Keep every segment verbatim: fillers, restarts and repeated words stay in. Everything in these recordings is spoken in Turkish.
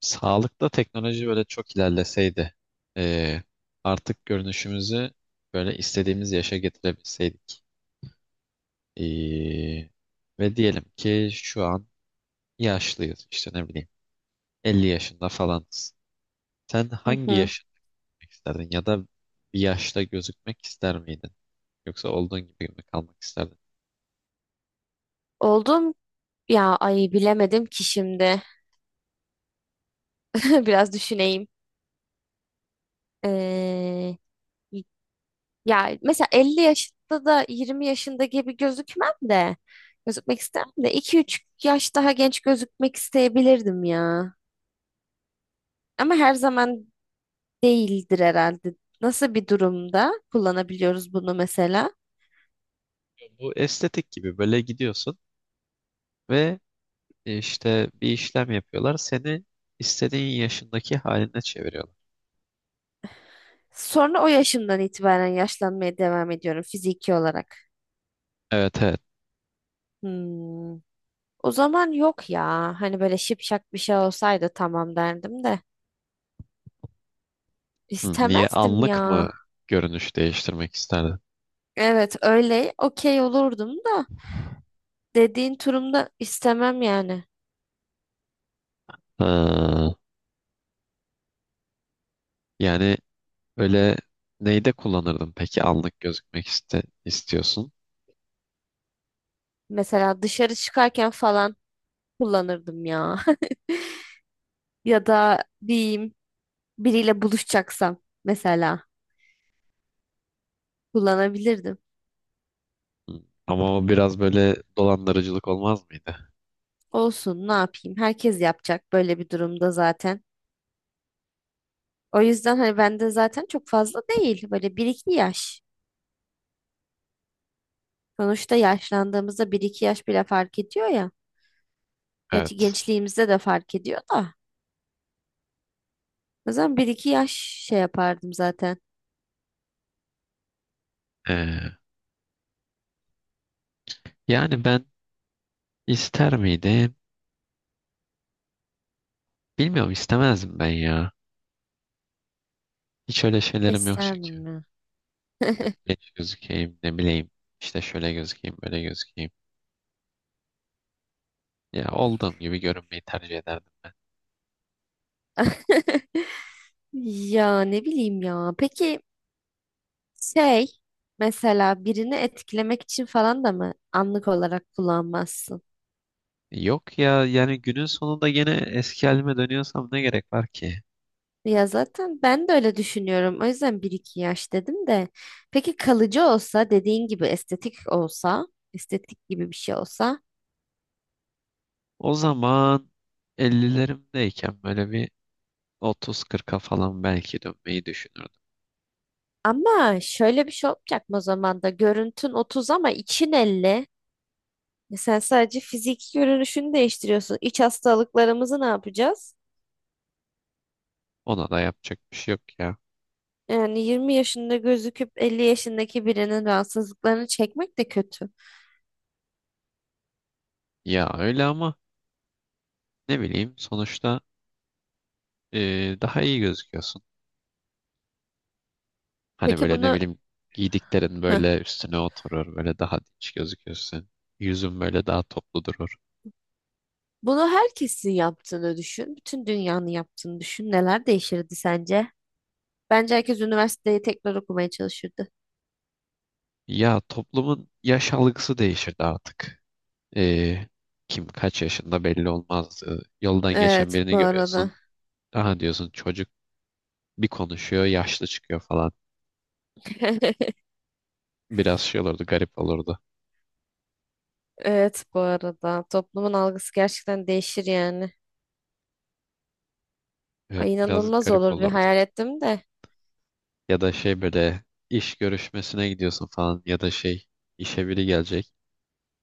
Sağlıkta teknoloji böyle çok ilerleseydi, eee, artık görünüşümüzü böyle istediğimiz yaşa getirebilseydik. Eee, Ve diyelim ki şu an yaşlıyız, işte ne bileyim elli yaşında falan. Sen Hı hangi hı. yaşta gözükmek isterdin ya da bir yaşta gözükmek ister miydin? Yoksa olduğun gibi mi kalmak isterdin? Oldum ya ay bilemedim ki şimdi. Biraz düşüneyim. Ee, Ya mesela elli yaşında da yirmi yaşında gibi gözükmem de gözükmek istemem de iki üç yaş daha genç gözükmek isteyebilirdim ya. Ama her zaman değildir herhalde. Nasıl bir durumda kullanabiliyoruz bunu mesela? Bu estetik gibi böyle gidiyorsun ve e, işte bir işlem yapıyorlar, seni istediğin yaşındaki haline çeviriyorlar. Sonra o yaşımdan itibaren yaşlanmaya devam ediyorum fiziki olarak. Evet, evet. Hmm. O zaman yok ya. Hani böyle şipşak bir şey olsaydı tamam derdim de. Hı, Niye İstemezdim anlık mı ya. görünüş değiştirmek isterdin? Evet, öyle okey olurdum da dediğin turumda istemem yani. Ha, yani öyle neyde kullanırdın peki anlık gözükmek iste istiyorsun? Mesela dışarı çıkarken falan kullanırdım ya. Ya da diyeyim biriyle buluşacaksam mesela kullanabilirdim. Hı, ama o biraz böyle dolandırıcılık olmaz mıydı? Olsun, ne yapayım, herkes yapacak böyle bir durumda zaten. O yüzden hani bende zaten çok fazla değil, böyle bir iki yaş. Sonuçta yaşlandığımızda bir iki yaş bile fark ediyor ya. Gerçi Evet. gençliğimizde de fark ediyor da. O zaman bir iki yaş şey yapardım zaten. Ee, Yani ben ister miydim? Bilmiyorum, istemezdim ben ya. Hiç öyle şeylerim yok çünkü. İsterdim ya. Yok, genç gözükeyim ne bileyim. İşte şöyle gözükeyim böyle gözükeyim. Ya olduğum gibi görünmeyi tercih ederdim. Ya ne bileyim ya. Peki, şey, mesela birini etkilemek için falan da mı anlık olarak kullanmazsın? Yok ya, yani günün sonunda gene eski halime dönüyorsam ne gerek var ki? Ya zaten ben de öyle düşünüyorum. O yüzden bir iki yaş dedim de. Peki kalıcı olsa, dediğin gibi estetik olsa, estetik gibi bir şey olsa. O zaman ellilerimdeyken böyle bir otuz kırk'a falan belki dönmeyi düşünürdüm. Ama şöyle bir şey olacak mı, o zaman da görüntün otuz ama için elli. E, sen sadece fiziki görünüşünü değiştiriyorsun. İç hastalıklarımızı ne yapacağız? Ona da yapacak bir şey yok ya. Yani yirmi yaşında gözüküp elli yaşındaki birinin rahatsızlıklarını çekmek de kötü. Ya öyle ama ne bileyim sonuçta e, daha iyi gözüküyorsun. Hani Peki böyle ne bunu bileyim giydiklerin hıh, böyle üstüne oturur, böyle daha dinç gözüküyorsun. Yüzün böyle daha toplu durur. bunu herkesin yaptığını düşün. Bütün dünyanın yaptığını düşün. Neler değişirdi sence? Bence herkes üniversiteyi tekrar okumaya çalışırdı. Ya, toplumun yaş algısı değişirdi artık. Ee, Kim kaç yaşında belli olmaz. Ee, Yoldan geçen Evet, birini bu arada. görüyorsun. Aha diyorsun, çocuk bir konuşuyor, yaşlı çıkıyor falan. Biraz şey olurdu, garip olurdu. Evet, bu arada. Toplumun algısı gerçekten değişir yani. Evet, Ay, biraz inanılmaz garip olurdu. Bir olurdu. hayal ettim de. Ya da şey böyle iş görüşmesine gidiyorsun falan, ya da şey işe biri gelecek.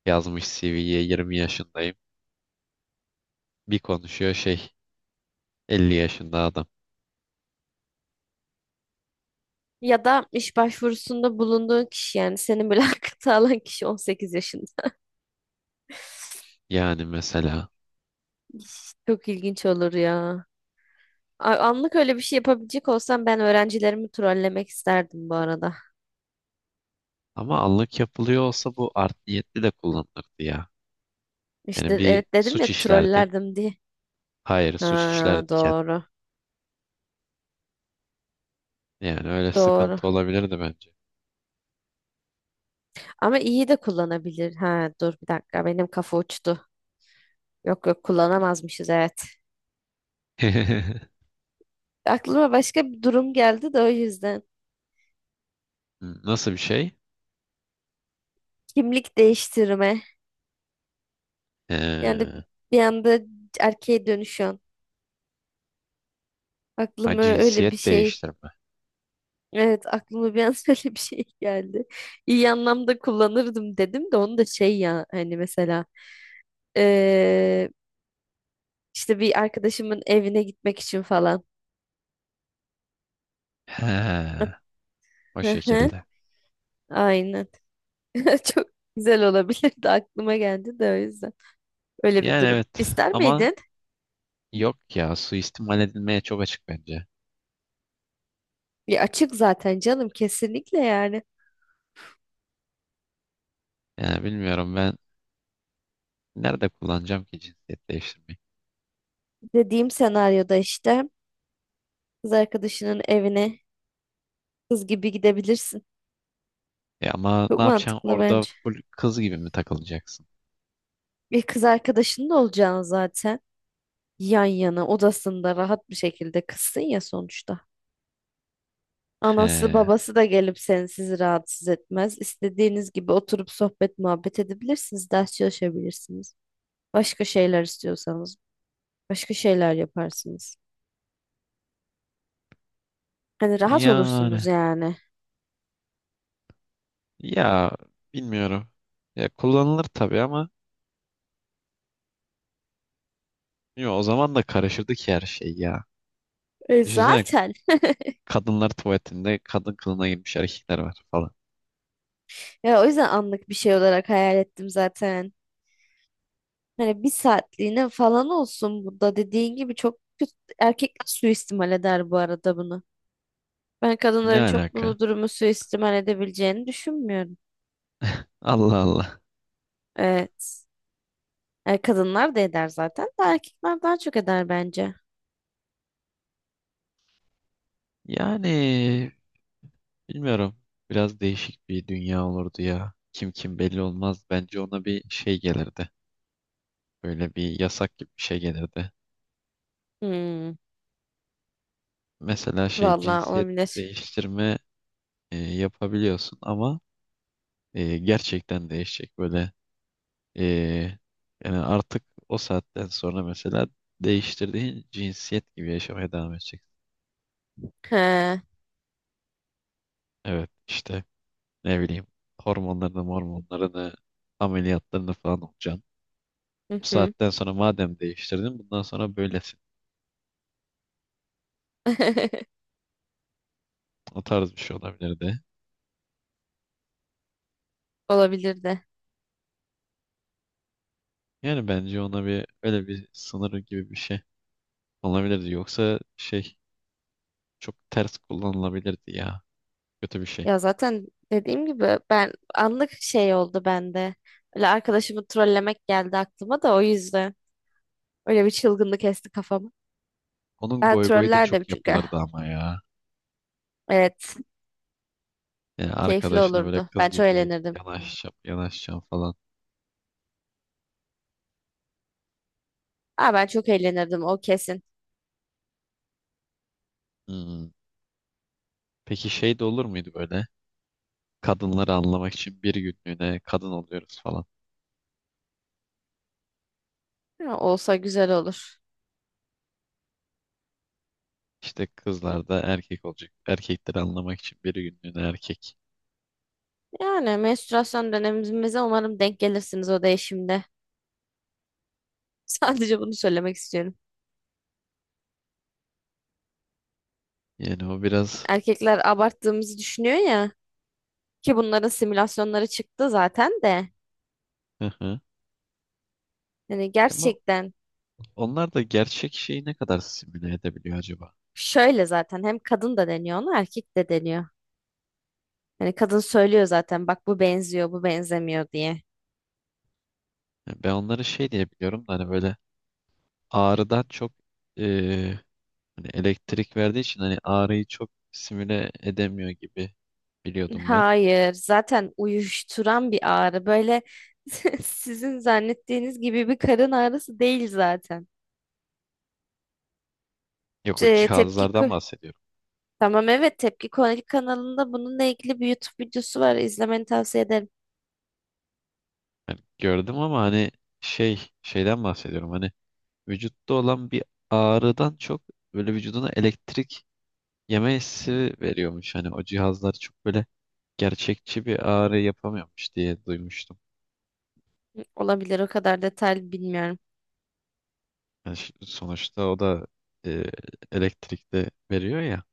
Yazmış C V'ye yirmi yaşındayım. Bir konuşuyor şey, elli yaşında adam. Ya da iş başvurusunda bulunduğun kişi, yani seni mülakata alan kişi on sekiz yaşında. Yani mesela, İş Çok ilginç olur ya. A- Anlık öyle bir şey yapabilecek olsam ben öğrencilerimi trollemek isterdim bu arada. ama anlık yapılıyor olsa bu art niyetli de kullanılırdı ya. İşte, Yani bir evet, dedim ya suç işlerdin. trollerdim diye. Hayır, Ha, suç işlerdiken. doğru. Yani öyle Doğru. sıkıntı olabilirdi bence. Ama iyi de kullanabilir. Ha, dur bir dakika, benim kafa uçtu. Yok yok, kullanamazmışız, evet. Aklıma başka bir durum geldi de o yüzden. Nasıl bir şey? Kimlik değiştirme. Yani Ee, bir anda erkeğe dönüşüyorsun. ha, Aklıma öyle bir cinsiyet şey. değiştirme. Evet, aklıma bir an öyle bir şey geldi. İyi anlamda kullanırdım dedim de onu da şey ya, hani mesela eee, işte bir arkadaşımın evine gitmek için falan. He, o Hı hı, şekilde. aynen. Çok güzel olabilirdi, aklıma geldi de o yüzden. Öyle bir Yani durum. evet, İster ama miydin? yok ya, suistimal edilmeye çok açık bence. Ya açık zaten canım, kesinlikle yani. Yani bilmiyorum, ben nerede kullanacağım ki cinsiyet değiştirmeyi. Dediğim senaryoda işte kız arkadaşının evine kız gibi gidebilirsin. E ama ne Çok yapacaksın mantıklı orada bence. full kız gibi mi takılacaksın? Bir kız arkadaşın da olacağını zaten yan yana odasında rahat bir şekilde kızsın ya sonuçta. He, Anası babası da gelip seni sizi rahatsız etmez. İstediğiniz gibi oturup sohbet muhabbet edebilirsiniz. Ders çalışabilirsiniz. Başka şeyler istiyorsanız başka şeyler yaparsınız. Hani rahat olursunuz yani yani. ya, bilmiyorum. Ya kullanılır tabii ama yo, o zaman da karışırdı ki her şey ya. E, Düşünsene, zaten. kadınlar tuvaletinde kadın kılığına girmiş erkekler var falan. Ya, o yüzden anlık bir şey olarak hayal ettim zaten. Hani bir saatliğine falan olsun, bu da dediğin gibi çok kötü. Erkekler suistimal eder bu arada bunu. Ben Ne kadınların çok alaka? bunu durumu suistimal edebileceğini düşünmüyorum. Allah Allah. Evet. E, kadınlar da eder zaten de erkekler daha çok eder bence. Yani bilmiyorum. Biraz değişik bir dünya olurdu ya. Kim kim belli olmaz. Bence ona bir şey gelirdi. Böyle bir yasak gibi bir şey gelirdi. Hmm, Mesela şey Vallahi cinsiyet olabilir. değiştirme e, yapabiliyorsun ama e, gerçekten değişecek. Böyle e, yani artık o saatten sonra mesela değiştirdiğin cinsiyet gibi yaşamaya devam edeceksin. He, hı Evet, işte. Ne bileyim, hormonlarını hormonlarını ameliyatlarını falan olacaksın. Bu hı. saatten sonra madem değiştirdin, bundan sonra böylesin. O tarz bir şey olabilirdi. Olabilir de. Yani bence ona bir öyle bir sınırı gibi bir şey olabilirdi. Yoksa şey, çok ters kullanılabilirdi ya. Kötü bir şey. Ya zaten dediğim gibi ben anlık şey oldu bende. Öyle arkadaşımı trollemek geldi aklıma da o yüzden. Öyle bir çılgınlık esti kafamı. Onun Ben goy goyu da trollerdim çok çünkü. yapılırdı ama ya. Evet. Yani Keyifli arkadaşını böyle olurdu. kız Ben çok gibi eğlenirdim. yanaşacağım yanaşacağım falan. Aa, ben çok eğlenirdim o kesin. Hmm. Peki şey de olur muydu böyle? Kadınları anlamak için bir günlüğüne kadın oluyoruz falan. Ya, olsa güzel olur. İşte kızlar da erkek olacak. Erkekleri anlamak için bir günlüğüne erkek. Yani menstruasyon dönemimize umarım denk gelirsiniz o değişimde. Sadece bunu söylemek istiyorum. Yani o biraz Erkekler abarttığımızı düşünüyor ya ki bunların simülasyonları çıktı zaten de. hı hı. Yani Ama gerçekten onlar da gerçek şeyi ne kadar simüle edebiliyor acaba? şöyle zaten hem kadın da deniyor ona erkek de deniyor. Yani kadın söylüyor zaten, bak bu benziyor bu benzemiyor diye. Yani ben onları şey diye biliyorum da, hani böyle ağrıdan çok eee, hani elektrik verdiği için hani ağrıyı çok simüle edemiyor gibi biliyordum ben. Hayır zaten uyuşturan bir ağrı böyle sizin zannettiğiniz gibi bir karın ağrısı değil zaten. Yok, o Te- tepki cihazlardan kö- bahsediyorum. Tamam, evet, Tepki Konaki kanalında bununla ilgili bir YouTube videosu var. İzlemeni tavsiye ederim. Yani gördüm ama hani şey, şeyden bahsediyorum. Hani vücutta olan bir ağrıdan çok, böyle vücuduna elektrik yeme hissi veriyormuş. Hani o cihazlar çok böyle gerçekçi bir ağrı yapamıyormuş diye duymuştum. Hı, olabilir, o kadar detaylı bilmiyorum. Yani ş- sonuçta o da e, elektrikte veriyor ya.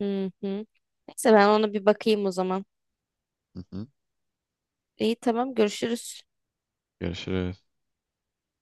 Hı hı. Neyse ben ona bir bakayım o zaman. Hı hı. İyi tamam, görüşürüz. Görüşürüz.